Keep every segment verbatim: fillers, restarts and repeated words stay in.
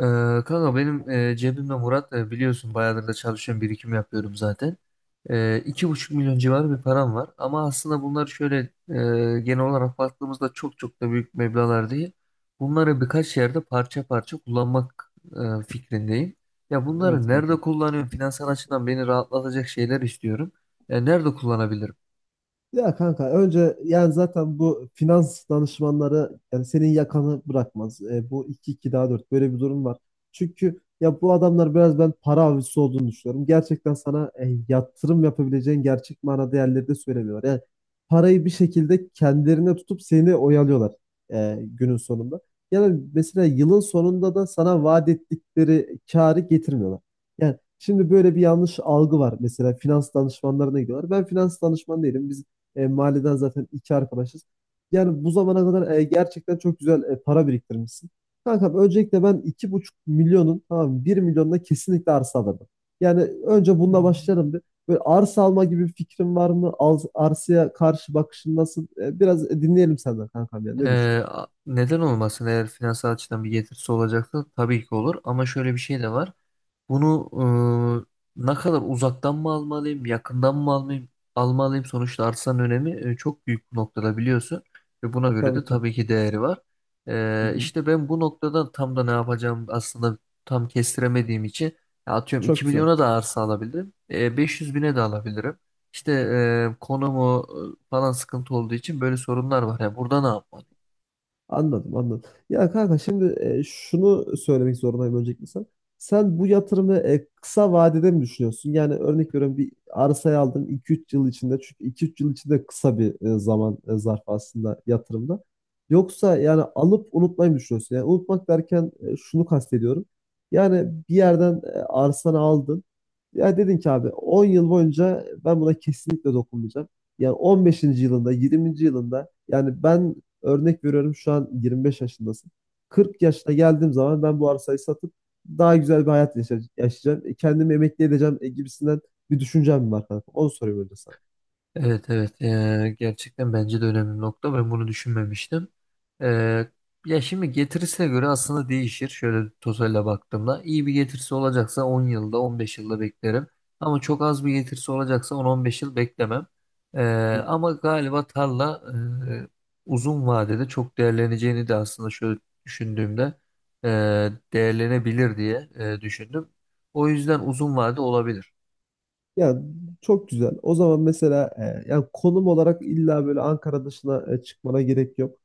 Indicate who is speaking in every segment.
Speaker 1: Ee, Kanka benim, e, cebimde Murat, e, biliyorsun bayağıdır da çalışıyorum, birikim yapıyorum zaten. Ee, iki buçuk milyon civarı bir param var, ama aslında bunlar şöyle, e, genel olarak baktığımızda çok çok da büyük meblağlar değil. Bunları birkaç yerde parça parça kullanmak e, fikrindeyim. Ya bunları
Speaker 2: Evet kanka.
Speaker 1: nerede kullanıyorum? Finansal açıdan beni rahatlatacak şeyler istiyorum. Ya nerede kullanabilirim?
Speaker 2: Ya kanka önce yani zaten bu finans danışmanları yani senin yakanı bırakmaz. E, bu iki iki daha dört böyle bir durum var. Çünkü ya bu adamlar biraz ben para avcısı olduğunu düşünüyorum. Gerçekten sana e, yatırım yapabileceğin gerçek manada yerleri de söylemiyorlar. Yani parayı bir şekilde kendilerine tutup seni oyalıyorlar e, günün sonunda. Yani mesela yılın sonunda da sana vaat ettikleri karı getirmiyorlar. Yani, şimdi böyle bir yanlış algı var. Mesela finans danışmanlarına gidiyorlar. Ben finans danışmanı değilim. E, mahalleden zaten iki arkadaşız. Yani bu zamana kadar e, gerçekten çok güzel e, para biriktirmişsin. Kankam öncelikle ben iki buçuk milyonun tamam bir milyonuna kesinlikle arsa alırdım. Yani önce bununla
Speaker 1: Hmm.
Speaker 2: başlayalım bir. Böyle arsa alma gibi bir fikrin var mı? Al- arsaya karşı bakışın nasıl? E, biraz dinleyelim senden kankam ya. Ne
Speaker 1: Ee,
Speaker 2: düşünüyorsun?
Speaker 1: a- neden olmasın? Eğer finansal açıdan bir getirisi olacaksa tabii ki olur. Ama şöyle bir şey de var. Bunu, e, ne kadar uzaktan mı almalıyım, yakından mı almalıyım, almalıyım? Sonuçta arsanın önemi e, çok büyük bu noktada, biliyorsun. Ve buna göre de
Speaker 2: Tabii ki.
Speaker 1: tabii ki değeri var.
Speaker 2: Hı
Speaker 1: E,
Speaker 2: hı.
Speaker 1: işte ben bu noktada tam da ne yapacağım, aslında tam kestiremediğim için ya, atıyorum,
Speaker 2: Çok
Speaker 1: iki
Speaker 2: güzel.
Speaker 1: milyona da arsa alabilirim. E, beş yüz bine de alabilirim. İşte e, konumu e, falan sıkıntı olduğu için böyle sorunlar var. Ya burada ne yapmalıyım?
Speaker 2: Anladım, anladım. Ya kanka şimdi e, şunu söylemek zorundayım öncelikle sen. Sen bu yatırımı e, kısa vadede mi düşünüyorsun? Yani örnek veriyorum bir arsayı aldın iki üç yıl içinde. Çünkü iki üç yıl içinde kısa bir e, zaman e, zarfı aslında yatırımda. Yoksa yani alıp unutmayı mı düşünüyorsun? Yani unutmak derken e, şunu kastediyorum. Yani bir yerden e, arsanı aldın. Ya dedin ki abi on yıl boyunca ben buna kesinlikle dokunmayacağım. Yani on beşinci yılında, yirminci yılında yani ben. Örnek veriyorum şu an yirmi beş yaşındasın. kırk yaşına geldiğim zaman ben bu arsayı satıp daha güzel bir hayat yaşa- yaşayacağım. E, Kendimi emekli edeceğim e, gibisinden bir düşüncem var kanka. Onu sorayım önce sana.
Speaker 1: Evet, evet, Ee, gerçekten bence de önemli nokta, ben bunu düşünmemiştim. Ee, Ya şimdi getirisine göre aslında değişir, şöyle tozayla baktığımda iyi bir getirisi olacaksa on yılda on beş yılda beklerim, ama çok az bir getirisi olacaksa on on beş yıl beklemem. Ee,
Speaker 2: Hı.
Speaker 1: Ama galiba tarla e, uzun vadede çok değerleneceğini de aslında şöyle düşündüğümde e, değerlenebilir diye e, düşündüm. O yüzden uzun vade olabilir.
Speaker 2: Ya çok güzel. O zaman mesela e, yani konum olarak illa böyle Ankara dışına e, çıkmana gerek yok.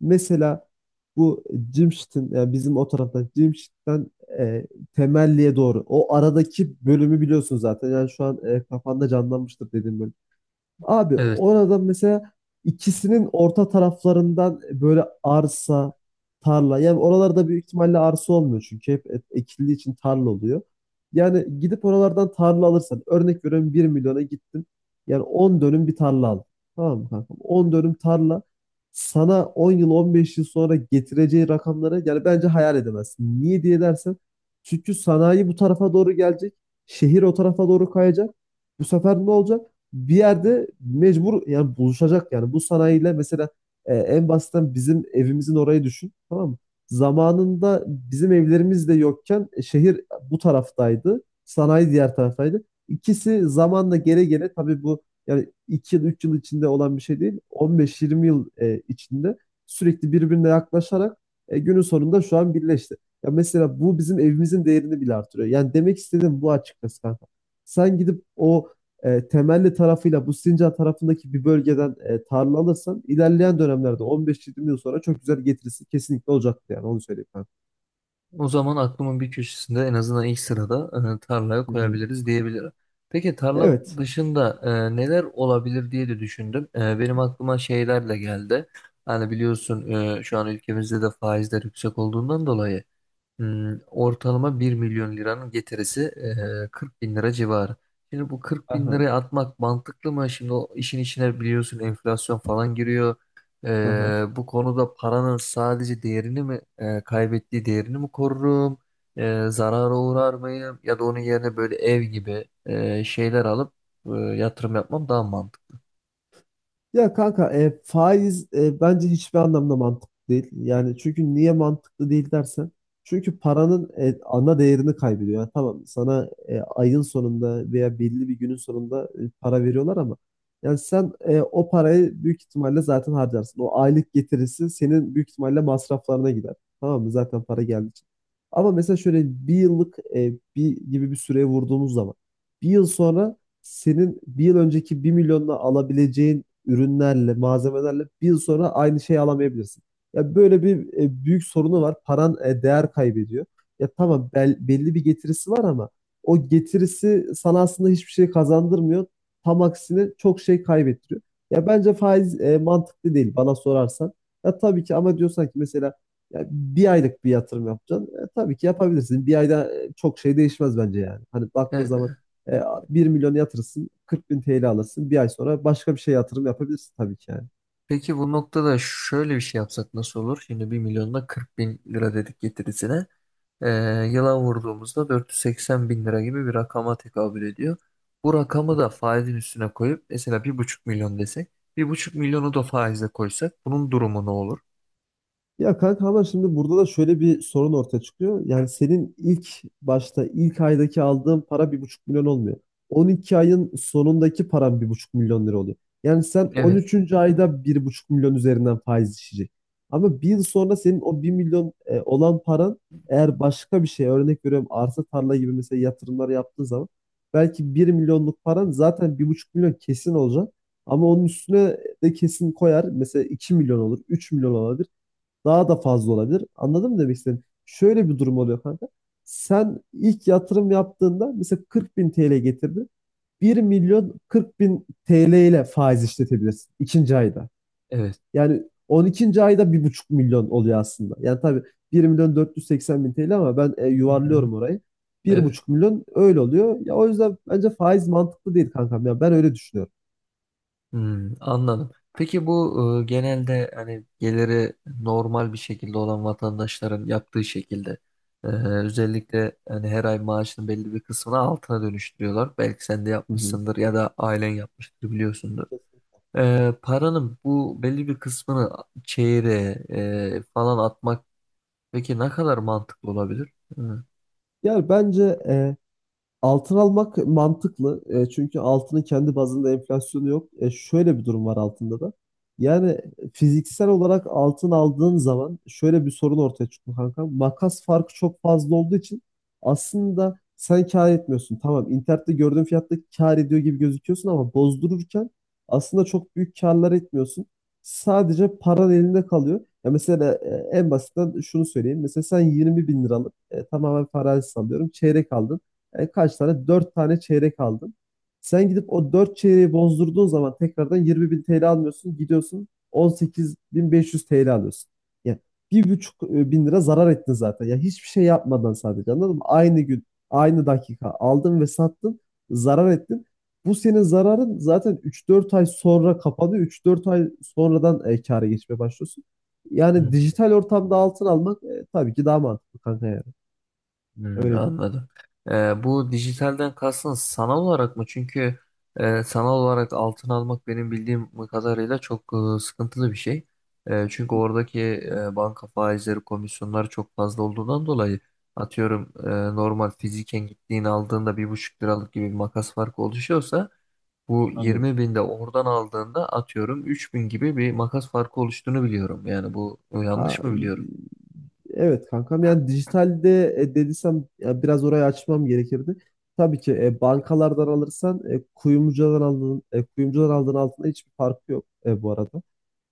Speaker 2: Mesela bu Cimşit'in yani bizim o taraftan Cimşit'ten e, Temelli'ye doğru. O aradaki bölümü biliyorsun zaten. Yani şu an e, kafanda canlanmıştır dediğim bölüm. Abi
Speaker 1: Evet.
Speaker 2: orada mesela ikisinin orta taraflarından böyle arsa, tarla. Yani oralarda büyük ihtimalle arsa olmuyor çünkü hep et- ekildiği için tarla oluyor. Yani gidip oralardan tarla alırsan örnek veriyorum bir milyona gittin. Yani on dönüm bir tarla aldın. Tamam mı kankam? On dönüm tarla sana on yıl on beş yıl sonra getireceği rakamları yani bence hayal edemezsin. Niye diye dersen çünkü sanayi bu tarafa doğru gelecek. Şehir o tarafa doğru kayacak. Bu sefer ne olacak? Bir yerde mecbur yani buluşacak yani bu sanayiyle mesela e, en basitten bizim evimizin orayı düşün tamam mı? Zamanında bizim evlerimiz de yokken e, şehir bu taraftaydı. Sanayi diğer taraftaydı. İkisi zamanla gele gele tabii bu yani iki yıl üç yıl içinde olan bir şey değil. On beş yirmi yıl e, içinde sürekli birbirine yaklaşarak e, günün sonunda şu an birleşti. Ya mesela bu bizim evimizin değerini bile artırıyor. Yani demek istediğim bu açıkçası kanka. Sen gidip o e, Temelli tarafıyla bu Sincan tarafındaki bir bölgeden e, tarla alırsan ilerleyen dönemlerde on beş yirmi yıl sonra çok güzel getirisi kesinlikle olacaktı yani onu söyleyeyim ben.
Speaker 1: O zaman aklımın bir köşesinde en azından ilk sırada, e, tarlaya
Speaker 2: Hı hı.
Speaker 1: koyabiliriz diyebilirim. Peki, tarla
Speaker 2: Evet.
Speaker 1: dışında e, neler olabilir diye de düşündüm. E, benim aklıma şeyler de geldi. Hani biliyorsun, e, şu an ülkemizde de faizler yüksek olduğundan dolayı, Hmm, ortalama bir milyon liranın getirisi e, kırk bin lira civarı. Şimdi bu kırk bin
Speaker 2: Aha.
Speaker 1: liraya atmak mantıklı mı? Şimdi o işin içine, biliyorsun, enflasyon falan giriyor.
Speaker 2: Aha.
Speaker 1: E, bu konuda paranın sadece değerini mi, e, kaybettiği değerini mi korurum? E, zarara uğrar mıyım? Ya da onun yerine böyle ev gibi e, şeyler alıp e, yatırım yapmam daha mantıklı.
Speaker 2: Ya kanka e, faiz e, bence hiçbir anlamda mantıklı değil. Yani çünkü niye mantıklı değil dersen. Çünkü paranın e, ana değerini kaybediyor. Yani tamam sana e, ayın sonunda veya belli bir günün sonunda e, para veriyorlar ama yani sen e, o parayı büyük ihtimalle zaten harcarsın. O aylık getirisi senin büyük ihtimalle masraflarına gider. Tamam mı? Zaten para geldiği için. Ama mesela şöyle bir yıllık e, bir gibi bir süreye vurduğumuz zaman bir yıl sonra senin bir yıl önceki bir milyonla alabileceğin ürünlerle, malzemelerle bir yıl sonra aynı şeyi alamayabilirsin. Ya böyle bir e, büyük sorunu var. Paran e, değer kaybediyor. Ya tamam bel- belli bir getirisi var ama o getirisi sana aslında hiçbir şey kazandırmıyor. Tam aksine çok şey kaybettiriyor. Ya bence faiz e, mantıklı değil bana sorarsan. Ya tabii ki ama diyorsan ki mesela ya bir aylık bir yatırım yapacaksın. E, tabii ki yapabilirsin. Bir ayda e, çok şey değişmez bence yani. Hani baktığın zaman
Speaker 1: E,
Speaker 2: e, bir milyon yatırırsın, kırk bin T L alırsın. Bir ay sonra başka bir şey yatırım yapabilirsin tabii ki yani.
Speaker 1: Peki bu noktada şöyle bir şey yapsak nasıl olur? Şimdi bir milyonda kırk bin lira dedik getirisine. Ee, Yıla vurduğumuzda dört yüz seksen bin lira gibi bir rakama tekabül ediyor. Bu rakamı da faizin üstüne koyup mesela bir buçuk milyon desek, bir buçuk milyonu da faize koysak, bunun durumu ne olur?
Speaker 2: Ya kanka ama şimdi burada da şöyle bir sorun ortaya çıkıyor. Yani senin ilk başta ilk aydaki aldığın para bir buçuk milyon olmuyor. on iki ayın sonundaki paran bir buçuk milyon lira oluyor. Yani sen
Speaker 1: Evet,
Speaker 2: on üçüncü ayda bir buçuk milyon üzerinden faiz işleyecek. Ama bir yıl sonra senin o bir milyon e, olan paran eğer başka bir şey örnek veriyorum arsa tarla gibi mesela yatırımlar yaptığın zaman belki bir milyonluk paran zaten bir buçuk milyon kesin olacak. Ama onun üstüne de kesin koyar. Mesela iki milyon olur, üç milyon olabilir. Daha da fazla olabilir. Anladın mı demek istediğim? Şöyle bir durum oluyor kanka. Sen ilk yatırım yaptığında mesela kırk bin T L getirdi. bir milyon kırk bin T L ile faiz işletebilirsin ikinci ayda.
Speaker 1: evet,
Speaker 2: Yani on ikinci ayda bir buçuk milyon oluyor aslında. Yani tabii bir milyon dört yüz seksen bin T L ama ben e,
Speaker 1: hı hı,
Speaker 2: yuvarlıyorum orayı. Bir
Speaker 1: evet.
Speaker 2: buçuk milyon öyle oluyor. Ya o yüzden bence faiz mantıklı değil kankam. Ya ben öyle düşünüyorum.
Speaker 1: Hmm, anladım. Peki bu, e, genelde hani geliri normal bir şekilde olan vatandaşların yaptığı şekilde, e, özellikle hani her ay maaşının belli bir kısmını altına dönüştürüyorlar. Belki sen de
Speaker 2: Hı hı.
Speaker 1: yapmışsındır ya da ailen yapmıştır, biliyorsundur. E, paranın bu belli bir kısmını çeyreğe e, falan atmak, peki ne kadar mantıklı olabilir? Hı.
Speaker 2: Yani bence e, altın almak mantıklı. E, çünkü altının kendi bazında enflasyonu yok. E, şöyle bir durum var altında da. Yani fiziksel olarak altın aldığın zaman şöyle bir sorun ortaya çıkıyor kanka. Makas farkı çok fazla olduğu için aslında sen kâr etmiyorsun. Tamam internette gördüğün fiyatta kâr ediyor gibi gözüküyorsun ama bozdururken aslında çok büyük kârlar etmiyorsun. Sadece paran elinde kalıyor. Ya mesela e, en basitten şunu söyleyeyim. Mesela sen yirmi bin liralık e, tamamen farazi sallıyorum. Çeyrek aldın. E, kaç tane? Dört tane çeyrek aldın. Sen gidip o dört çeyreği bozdurduğun zaman tekrardan yirmi bin TL almıyorsun. Gidiyorsun on sekiz bin beş yüz T L alıyorsun. Yani bir buçuk e, bin lira zarar ettin zaten. Ya hiçbir şey yapmadan sadece anladın mı? Aynı gün, aynı dakika aldın ve sattın, zarar ettin. Bu senin zararın zaten üç dört ay sonra kapanıyor. Üç dört ay sonradan e, kâra geçmeye başlıyorsun. Yani
Speaker 1: Hmm.
Speaker 2: dijital ortamda altın almak e, tabii ki daha mantıklı kanka yani.
Speaker 1: Hmm,
Speaker 2: Öyle değil.
Speaker 1: anladım. Ee, bu dijitalden kastın sanal olarak mı? Çünkü e, sanal olarak altın almak benim bildiğim kadarıyla çok e, sıkıntılı bir şey. E, çünkü oradaki e, banka faizleri, komisyonları çok fazla olduğundan dolayı atıyorum e, normal fiziken gittiğini aldığında bir buçuk liralık gibi bir makas farkı oluşuyorsa, bu
Speaker 2: Anladım.
Speaker 1: yirmi binde oradan aldığında atıyorum üç bin gibi bir makas farkı oluştuğunu biliyorum. Yani bu yanlış
Speaker 2: Ha,
Speaker 1: mı biliyorum?
Speaker 2: evet kankam yani dijitalde e, dediysem ya biraz orayı açmam gerekirdi. Tabii ki e, bankalardan alırsan e, kuyumcudan aldığın e, kuyumcudan aldığın altında hiçbir farkı yok e, bu arada.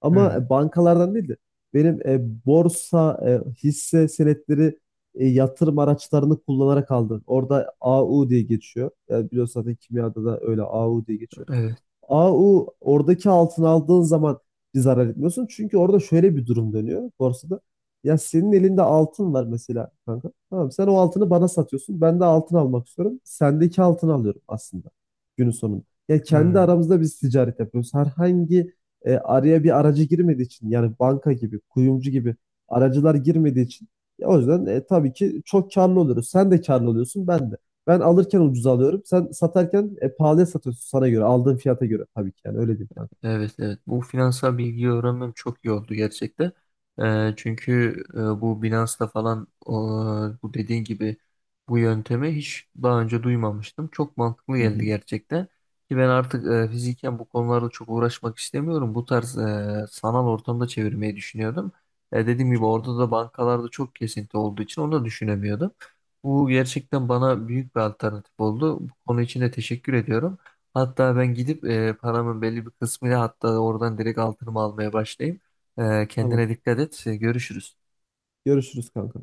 Speaker 2: Ama
Speaker 1: Hmm,
Speaker 2: e, bankalardan değil de benim e, borsa e, hisse senetleri e, yatırım araçlarını kullanarak aldım. Orada A U diye geçiyor. Yani biliyorsun zaten kimyada da öyle A U diye geçiyor.
Speaker 1: evet.
Speaker 2: A u oradaki altın aldığın zaman bir zarar etmiyorsun. Çünkü orada şöyle bir durum dönüyor borsada. Ya senin elinde altın var mesela kanka. Tamam sen o altını bana satıyorsun. Ben de altın almak istiyorum. Sendeki altını alıyorum aslında günün sonunda. Ya kendi
Speaker 1: Hmm.
Speaker 2: aramızda biz ticaret yapıyoruz. Herhangi e, araya bir aracı girmediği için yani banka gibi, kuyumcu gibi aracılar girmediği için ya o yüzden e, tabii ki çok karlı oluyoruz. Sen de karlı oluyorsun, ben de. Ben alırken ucuza alıyorum. Sen satarken e, pahalıya satıyorsun sana göre. Aldığın fiyata göre tabii ki yani öyle değil kanka.
Speaker 1: Evet, evet, bu finansal bilgiyi öğrenmem çok iyi oldu gerçekten. Ee, çünkü e, bu Binance'da falan, o, bu dediğin gibi bu yöntemi hiç daha önce duymamıştım. Çok mantıklı
Speaker 2: Hı
Speaker 1: geldi
Speaker 2: hı.
Speaker 1: gerçekten. Ki ben artık e, fiziken bu konularla çok uğraşmak istemiyorum. Bu tarz e, sanal ortamda çevirmeyi düşünüyordum. E, dediğim gibi,
Speaker 2: Çok iyi.
Speaker 1: orada da bankalarda çok kesinti olduğu için onu da düşünemiyordum. Bu gerçekten bana büyük bir alternatif oldu. Bu konu için de teşekkür ediyorum. Hatta ben gidip e, paramın belli bir kısmıyla hatta oradan direkt altınımı almaya başlayayım. E,
Speaker 2: Tamam.
Speaker 1: kendine dikkat et. E, görüşürüz.
Speaker 2: Görüşürüz kanka.